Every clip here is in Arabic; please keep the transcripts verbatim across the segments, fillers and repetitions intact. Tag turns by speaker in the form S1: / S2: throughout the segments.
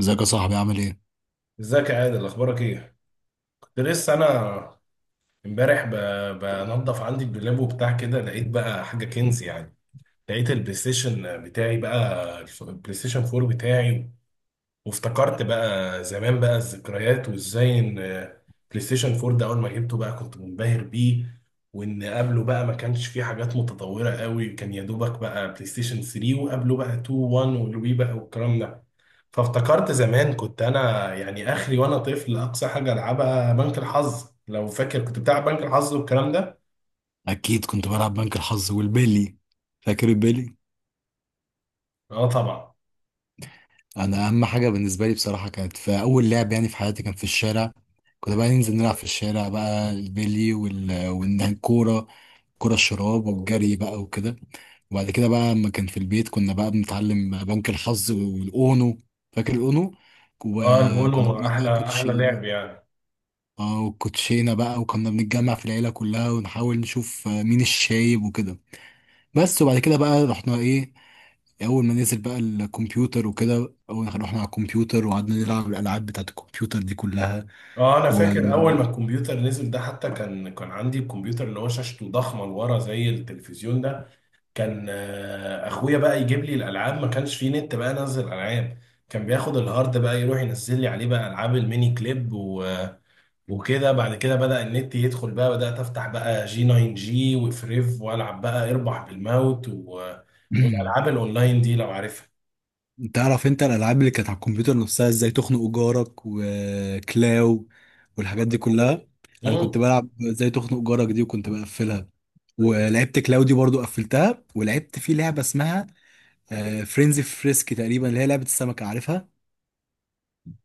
S1: ازيك يا صاحبي؟ عامل ايه؟
S2: ازيك يا عادل؟ اخبارك ايه؟ كنت لسه انا امبارح ب- بنضف عندي الدولاب وبتاع كده، لقيت بقى حاجه كنز يعني. لقيت البلاي ستيشن بتاعي، بقى الف- البلاي ستيشن فور بتاعي. وافتكرت بقى زمان، بقى الذكريات، وازاي ان بلاي ستيشن فور ده اول ما جبته بقى كنت منبهر بيه. وان قبله بقى ما كانش فيه حاجات متطورة قوي، كان يا دوبك بقى بلاي ستيشن ثري، وقبله بقى تو، ون، والوي بقى والكلام ده. فافتكرت زمان كنت انا يعني اخري وانا طفل، اقصى حاجة العبها بنك الحظ. لو فاكر كنت بتلعب بنك الحظ والكلام ده.
S1: اكيد كنت بلعب بنك الحظ والبيلي. فاكر البيلي؟
S2: اه طبعا.
S1: انا اهم حاجه بالنسبه لي بصراحه كانت في اول لعب يعني في حياتي، كان في الشارع. كنا بقى ننزل نلعب في الشارع بقى البيلي وال... والكوره، كرة الشراب والجري بقى وكده. وبعد كده بقى لما كان في البيت كنا بقى بنتعلم بنك الحظ والاونو. فاكر الاونو؟
S2: اه،
S1: وكنا
S2: الاونو
S1: بنجيب بقى
S2: احلى احلى
S1: كوتشينه.
S2: لعب يعني.
S1: اه وكوتشينه بقى، وكنا بنتجمع في العيله كلها ونحاول نشوف مين الشايب وكده. بس وبعد كده بقى رحنا ايه؟ اول ما نزل بقى الكمبيوتر وكده، اول ما رحنا على الكمبيوتر وقعدنا نلعب الالعاب بتاعت الكمبيوتر دي كلها.
S2: اه، انا
S1: و
S2: فاكر اول ما الكمبيوتر نزل ده، حتى كان كان عندي الكمبيوتر اللي هو شاشته ضخمه لورا زي التلفزيون ده. كان آه، اخويا بقى يجيب لي الالعاب، ما كانش فيه نت بقى انزل العاب. كان بياخد الهارد بقى يروح ينزل لي عليه بقى العاب الميني كليب و... وكده. بعد كده بدأ النت يدخل، بقى بدأت افتح بقى جي ناين جي وفريف، والعب بقى اربح بالموت و... والالعاب الاونلاين دي لو عارفها.
S1: تعرف انت الالعاب اللي كانت على الكمبيوتر نفسها، ازاي تخنق جارك وكلاو والحاجات دي كلها؟ انا كنت بلعب ازاي تخنق جارك دي وكنت بقفلها، ولعبت كلاو دي برضو قفلتها، ولعبت في لعبه اسمها فرينزي فريسك تقريبا اللي هي لعبه السمكه. عارفها؟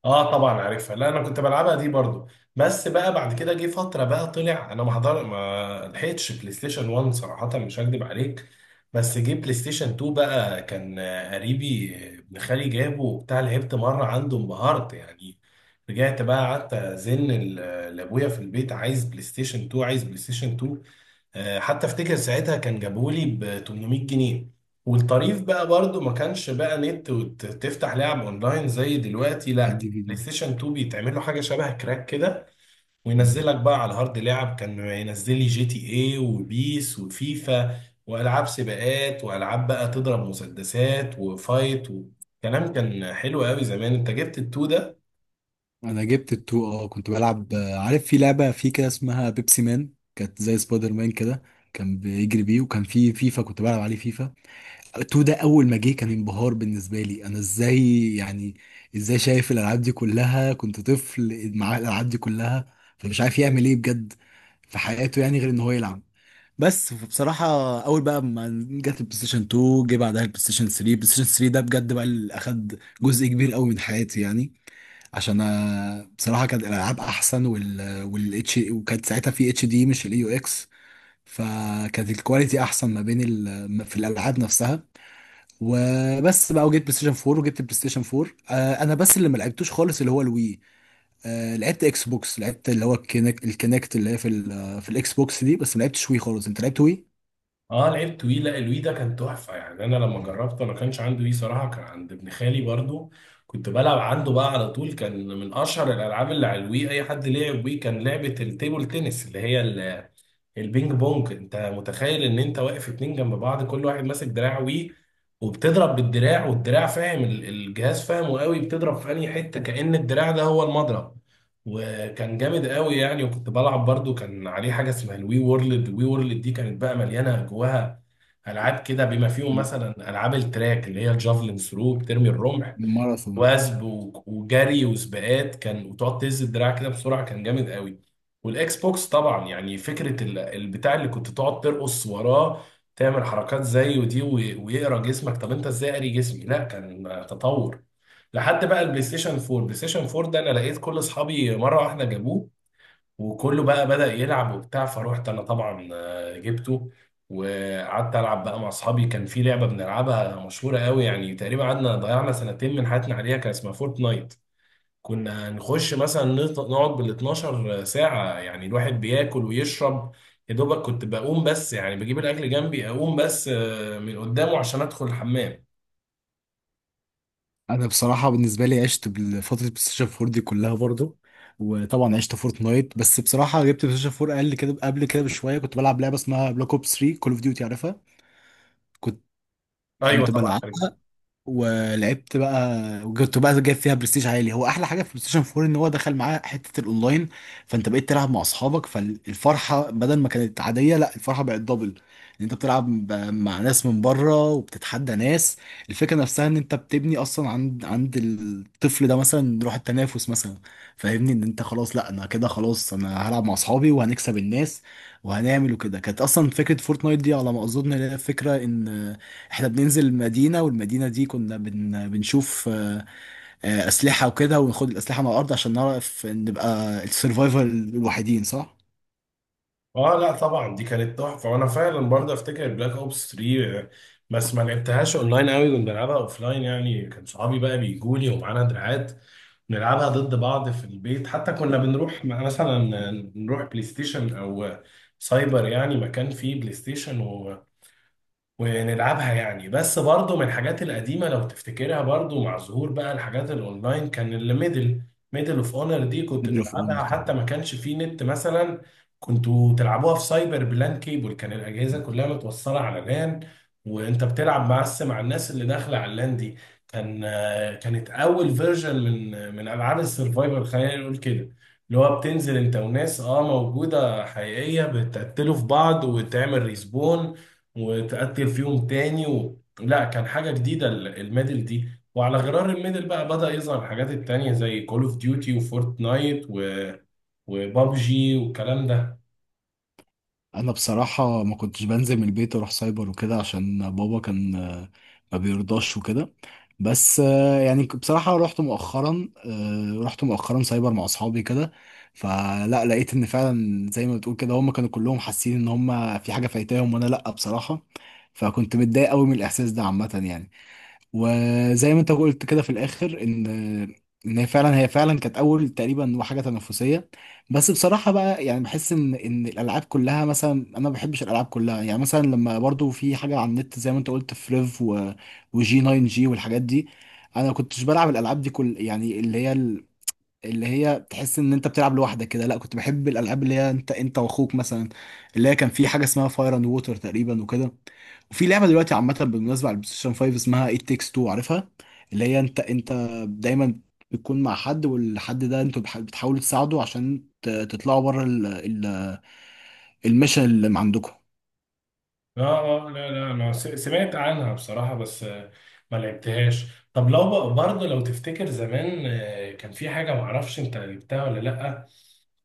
S2: اه طبعا عارفها. لا انا كنت بلعبها دي برضو. بس بقى بعد كده جه فتره بقى طلع، انا ما حضر ما لحقتش بلاي ستيشن ون صراحه، مش هكدب عليك. بس جه بلاي ستيشن تو بقى، كان آه، قريبي، آه، ابن خالي جابه وبتاع، لعبت مره عنده، انبهرت يعني. رجعت بقى قعدت ازن ال- لابويا في البيت، عايز بلاي ستيشن تو، عايز بلاي ستيشن تو. آه، حتى افتكر ساعتها كان جابولي ب تمنميت جنيه. والطريف بقى برضو ما كانش بقى نت وتفتح لعب اونلاين زي دلوقتي، لا
S1: كانت
S2: كان
S1: دي
S2: بلاي
S1: فيديو.
S2: ستيشن اتنين بيتعمل له حاجه شبه كراك كده، وينزلك بقى على الهارد لعب. كان ينزل لي جي تي اي وبيس وفيفا والعاب سباقات والعاب بقى تضرب مسدسات وفايت، وكلام كان حلو قوي زمان. انت جبت التو ده.
S1: انا جبت التو، اه كنت بلعب آه، عارف في لعبه في كده اسمها بيبسي مان، كانت زي سبايدر مان كده، كان بيجري بيه، وكان في فيفا كنت بلعب عليه فيفا. التو ده اول ما جه كان انبهار بالنسبه لي انا، ازاي يعني؟ ازاي شايف الالعاب دي كلها؟ كنت طفل مع الالعاب دي كلها فمش عارف يعمل ايه بجد في حياته يعني غير ان هو يلعب. بس بصراحة أول بقى ما جت البلاي ستيشن اتنين، جه بعدها البلاي ستيشن تلاته. البلاي ستيشن تلاته ده بجد بقى اللي أخد جزء كبير قوي من حياتي يعني. عشان آه، بصراحه كانت الالعاب احسن، وال والاتش، وكانت ساعتها في اتش دي مش الاي يو اكس، فكانت الكواليتي احسن ما بين ال... في الالعاب نفسها. وبس بقى. وجبت بلاي ستيشن اربعه وجبت بلاي ستيشن اربعه، آه انا بس اللي ما لعبتوش خالص اللي هو الوي. آه لعبت اكس بوكس، لعبت اللي هو الكينكت، الكينكت اللي هي في ال... في الاكس بوكس دي، بس ما لعبتش وي خالص. انت لعبت وي.
S2: اه لعبت وي. لا الوي ده كان تحفه يعني. انا لما جربته، انا كانش عندي وي صراحه، كان عند ابن خالي برضو. كنت بلعب عنده بقى على طول. كان من اشهر الالعاب اللي على الوي، اي حد لعب وي، كان لعبه التيبل تنس اللي هي البينج بونج. انت متخيل ان انت واقف اتنين جنب بعض، كل واحد ماسك دراع وي، وبتضرب بالدراع، والدراع فاهم، ال- الجهاز فاهمه قوي، بتضرب في انهي حته كأن الدراع ده هو المضرب. وكان جامد قوي يعني. وكنت بلعب برضو، كان عليه حاجه اسمها الوي وورلد. الوي وورلد دي كانت بقى مليانه جواها العاب كده، بما فيهم
S1: مم.
S2: مثلا العاب التراك اللي هي الجافلين ثرو، بترمي الرمح،
S1: ماراثون.
S2: وثب و- وجري وسباقات، كان وتقعد تهز الدراع كده بسرعه، كان جامد قوي. والاكس بوكس طبعا يعني فكره ال- البتاع اللي كنت تقعد ترقص وراه، تعمل حركات زيه دي و- ويقرا جسمك. طب انت ازاي قاري جسمي؟ لا كان تطور. لحد بقى البلاي ستيشن فور. البلاي ستيشن فور ده انا لقيت كل اصحابي مره واحده جابوه، وكله بقى بدأ يلعب وبتاع، فروحت انا طبعا آه، جبته، وقعدت العب بقى مع اصحابي. كان في لعبه بنلعبها مشهوره قوي يعني، تقريبا قعدنا ضيعنا سنتين من حياتنا عليها، كان اسمها فورتنايت. كنا نخش مثلا نط- نقعد بال 12 ساعه يعني، الواحد بياكل ويشرب، يا دوبك كنت بقوم بس يعني بجيب الاكل جنبي، اقوم بس آه، من قدامه عشان ادخل الحمام.
S1: انا بصراحه بالنسبه لي عشت بفتره بلاي ستيشن اربعه دي كلها برضو، وطبعا عشت فورتنايت. بس بصراحه جبت بلاي ستيشن اربعه اقل كده، قبل كده بشويه كنت بلعب لعبه اسمها بلاك اوب تلاته كول اوف ديوتي. عارفها؟ كنت
S2: ايوه
S1: كنت
S2: طبعا.
S1: بلعب ولعبت بقى، وكنت بقى جايب فيها برستيج عالي. هو احلى حاجه في بلاي ستيشن اربعه ان هو دخل معاه حته الاونلاين، فانت بقيت تلعب مع اصحابك، فالفرحه بدل ما كانت عاديه لا الفرحه بقت دبل، ان انت بتلعب ب- مع ناس من بره وبتتحدى ناس. الفكره نفسها ان انت بتبني اصلا عند عند الطفل ده مثلا روح التنافس مثلا. فاهمني؟ ان انت خلاص لا انا كده خلاص، انا هلعب مع اصحابي وهنكسب الناس وهنعمل وكده. كانت اصلا فكره فورتنايت دي على ما اظن إن هي فكره ان احنا بننزل المدينة، والمدينة دي كنا بن... بنشوف آه، آه، أسلحة وكده، وناخد الأسلحة من الأرض عشان نعرف نبقى السرفايفر الوحيدين، صح؟
S2: اه لا طبعا، دي كانت تحفه. وانا فعلا برضه افتكر بلاك اوبس تري، آه، بس ما لعبتهاش اونلاين قوي، كنت بلعبها اوفلاين يعني. كان صحابي بقى بيجوني ومعانا دراعات، نلعبها ضد بعض في البيت. حتى كنا بنروح م- مثلا نروح بلاي ستيشن او سايبر، يعني مكان فيه بلاي ستيشن، ونلعبها يعني. بس برضو من الحاجات القديمة لو تفتكرها برضو، مع ظهور بقى الحاجات الاونلاين، كان الميدل، ميدل اوف اونر دي كنت
S1: ميدل اوف اونر
S2: تلعبها، حتى
S1: طبعا.
S2: ما كانش فيه نت مثلا. كنتوا تلعبوها في سايبر بلان كيبل، كان الأجهزة كلها متوصلة على لان، وانت بتلعب بس مع الناس اللي داخلة على اللان دي. كان آه، كانت أول فيرجن من من ألعاب السرفايفر، خلينا نقول كده، اللي هو بتنزل انت وناس اه موجودة حقيقية، بتقتلوا في بعض وتعمل ريسبون، وتقتل فيهم تاني و... لا كان حاجة جديدة ال- الميدل دي. وعلى غرار الميدل بقى بدأ يظهر الحاجات التانية زي كول اوف ديوتي وفورتنايت و... وبابجي والكلام ده.
S1: انا بصراحه ما كنتش بنزل من البيت اروح سايبر وكده، عشان بابا كان آه، ما بيرضاش وكده. بس آه، يعني ك- بصراحه رحت مؤخرا، آه، رحت مؤخرا سايبر مع اصحابي كده، فلا لقيت ان فعلا زي ما بتقول كده هم كانوا كلهم حاسين ان هم في حاجه فايتاهم وانا لا بصراحه، فكنت متضايق قوي من الاحساس ده عامه يعني. وزي ما انت قلت كده في الاخر ان ان هي فعلا هي فعلا كانت اول تقريبا حاجه تنافسيه. بس بصراحه بقى يعني بحس ان ان الالعاب كلها مثلا انا ما بحبش الالعاب كلها يعني، مثلا لما برضو في حاجه على النت زي ما انت قلت، فريف و وجي ناين جي والحاجات دي، انا ما كنتش بلعب الالعاب دي كل يعني اللي هي اللي هي تحس ان انت بتلعب لوحدك كده. لا كنت بحب الالعاب اللي هي انت انت واخوك مثلا، اللي هي كان في حاجه اسمها فاير اند ووتر تقريبا وكده. وفي لعبه دلوقتي عامه بالمناسبه على البلايستيشن خمسه اسمها ايت تيكس تو، عارفها؟ اللي هي انت انت دايما بتكون مع حد، والحد ده انتوا بح- بتحاولوا تساعده عشان ت- تطلعوا بره ال- ال- الميشن اللي عندكم.
S2: اه. اه لا لا، انا س- سمعت عنها بصراحة، بس آه، ما لعبتهاش. طب لو بقى برضه لو تفتكر زمان، آه، كان في حاجة معرفش انت لعبتها ولا لأ،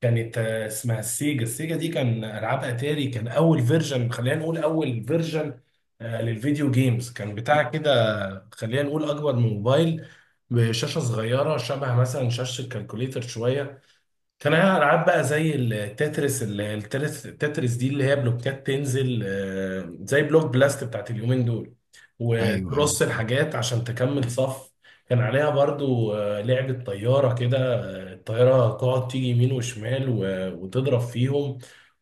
S2: كانت آه، اسمها السيجا. السيجا دي كان ألعاب أتاري، كان أول فيرجن خلينا نقول، أول فيرجن آه، للفيديو جيمز، كان بتاع كده. خلينا نقول اكبر من موبايل بشاشه صغيره، شبه مثلا شاشه الكالكوليتر شويه. كان عليها العاب بقى زي التترس، ال- التترس التترس دي اللي هي بلوكات تنزل، آه، زي بلوك بلاست بتاعت اليومين دول،
S1: ايوه ايوه.
S2: وترص الحاجات عشان تكمل صف. كان عليها برضو آه، لعبة طيارة كده، آه، الطيارة تقعد تيجي يمين وشمال و- وتضرب فيهم.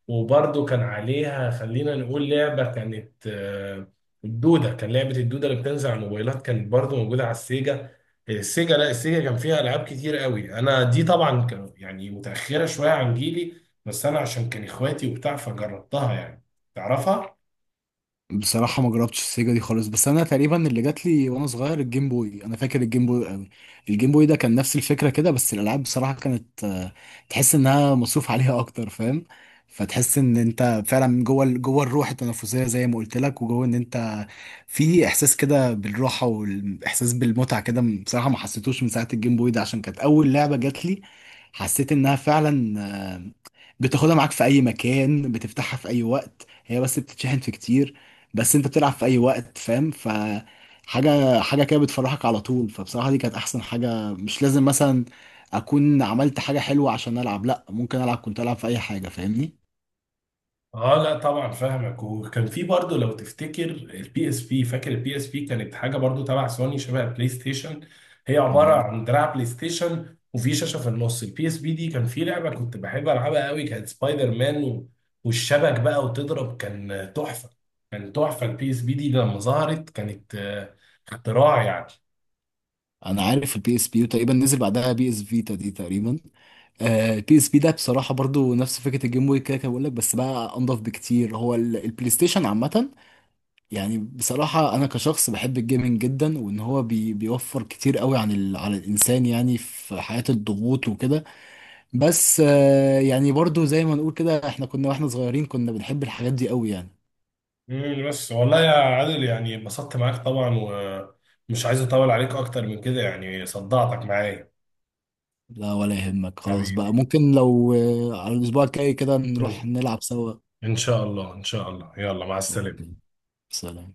S2: وبرضو كان عليها خلينا نقول لعبة كانت آه، الدودة. كان لعبة الدودة اللي بتنزل على الموبايلات كانت برضو موجودة على السيجا. السيجا، لا، السيجا كان فيها العاب كتير قوي، انا دي طبعا كان يعني متاخره شويه عن جيلي، بس انا عشان كان اخواتي وبتاع فجربتها يعني. تعرفها؟
S1: بصراحة ما جربتش السيجا دي خالص، بس أنا تقريبا اللي جات لي وأنا صغير الجيم بوي، أنا فاكر الجيم بوي قوي. الجيم بوي ده كان نفس الفكرة كده، بس الألعاب بصراحة كانت آه، تحس إنها مصروف عليها أكتر، فاهم؟ فتحس إن أنت فعلا جوه ال- جوه الروح التنافسية زي ما قلت لك، وجوه إن أنت في إحساس كده بالراحة والإحساس بالمتعة كده. م- بصراحة ما حسيتوش من ساعة الجيم بوي ده، عشان كانت أول لعبة جات لي، حسيت إنها فعلا بتاخدها معاك في اي مكان، بتفتحها في اي وقت، هي بس بتتشحن في كتير، بس انت بتلعب في اي وقت، فاهم؟ ف حاجه حاجه كده بتفرحك على طول، فبصراحه دي كانت احسن حاجه. مش لازم مثلا اكون عملت حاجه حلوه عشان العب، لا ممكن العب، كنت العب في اي حاجه، فاهمني؟
S2: اه لا طبعا فاهمك. وكان في برضه لو تفتكر البي اس بي. فاكر البي اس بي؟ كانت حاجه برضه تبع سوني شبه البلاي ستيشن، هي عباره
S1: انا
S2: عن دراع بلاي ستيشن وفي شاشه في النص. البي اس بي دي كان في لعبه كنت بحب العبها قوي، كانت سبايدر مان و- والشبك بقى وتضرب، كان تحفه. كان تحفه البي اس بي دي لما ظهرت، كانت آه، اختراع يعني.
S1: انا عارف البي اس بي، وتقريبا نزل بعدها بي اس فيتا دي تقريبا. البي اس بي ده بصراحه برضو نفس فكره الجيم بوي كده كده بقول لك، بس بقى انضف بكتير، هو ال- البلاي ستيشن عامه يعني. بصراحة أنا كشخص بحب الجيمنج جدا، وإن هو بي بيوفر كتير قوي عن ال على الإنسان يعني في حياة الضغوط وكده. بس آه، يعني برضو زي ما نقول كده، إحنا كنا وإحنا صغيرين كنا بنحب الحاجات دي قوي يعني.
S2: امم بس والله يا عادل يعني اتبسطت معاك طبعا، ومش عايز اطول عليك اكتر من كده يعني، صدعتك معايا.
S1: لا ولا يهمك، خلاص بقى ممكن لو آه، على الأسبوع الجاي كده نروح
S2: حبيبي،
S1: نلعب سوا.
S2: ان شاء الله، ان شاء الله، يلا مع السلامة.
S1: أوكي. سلام.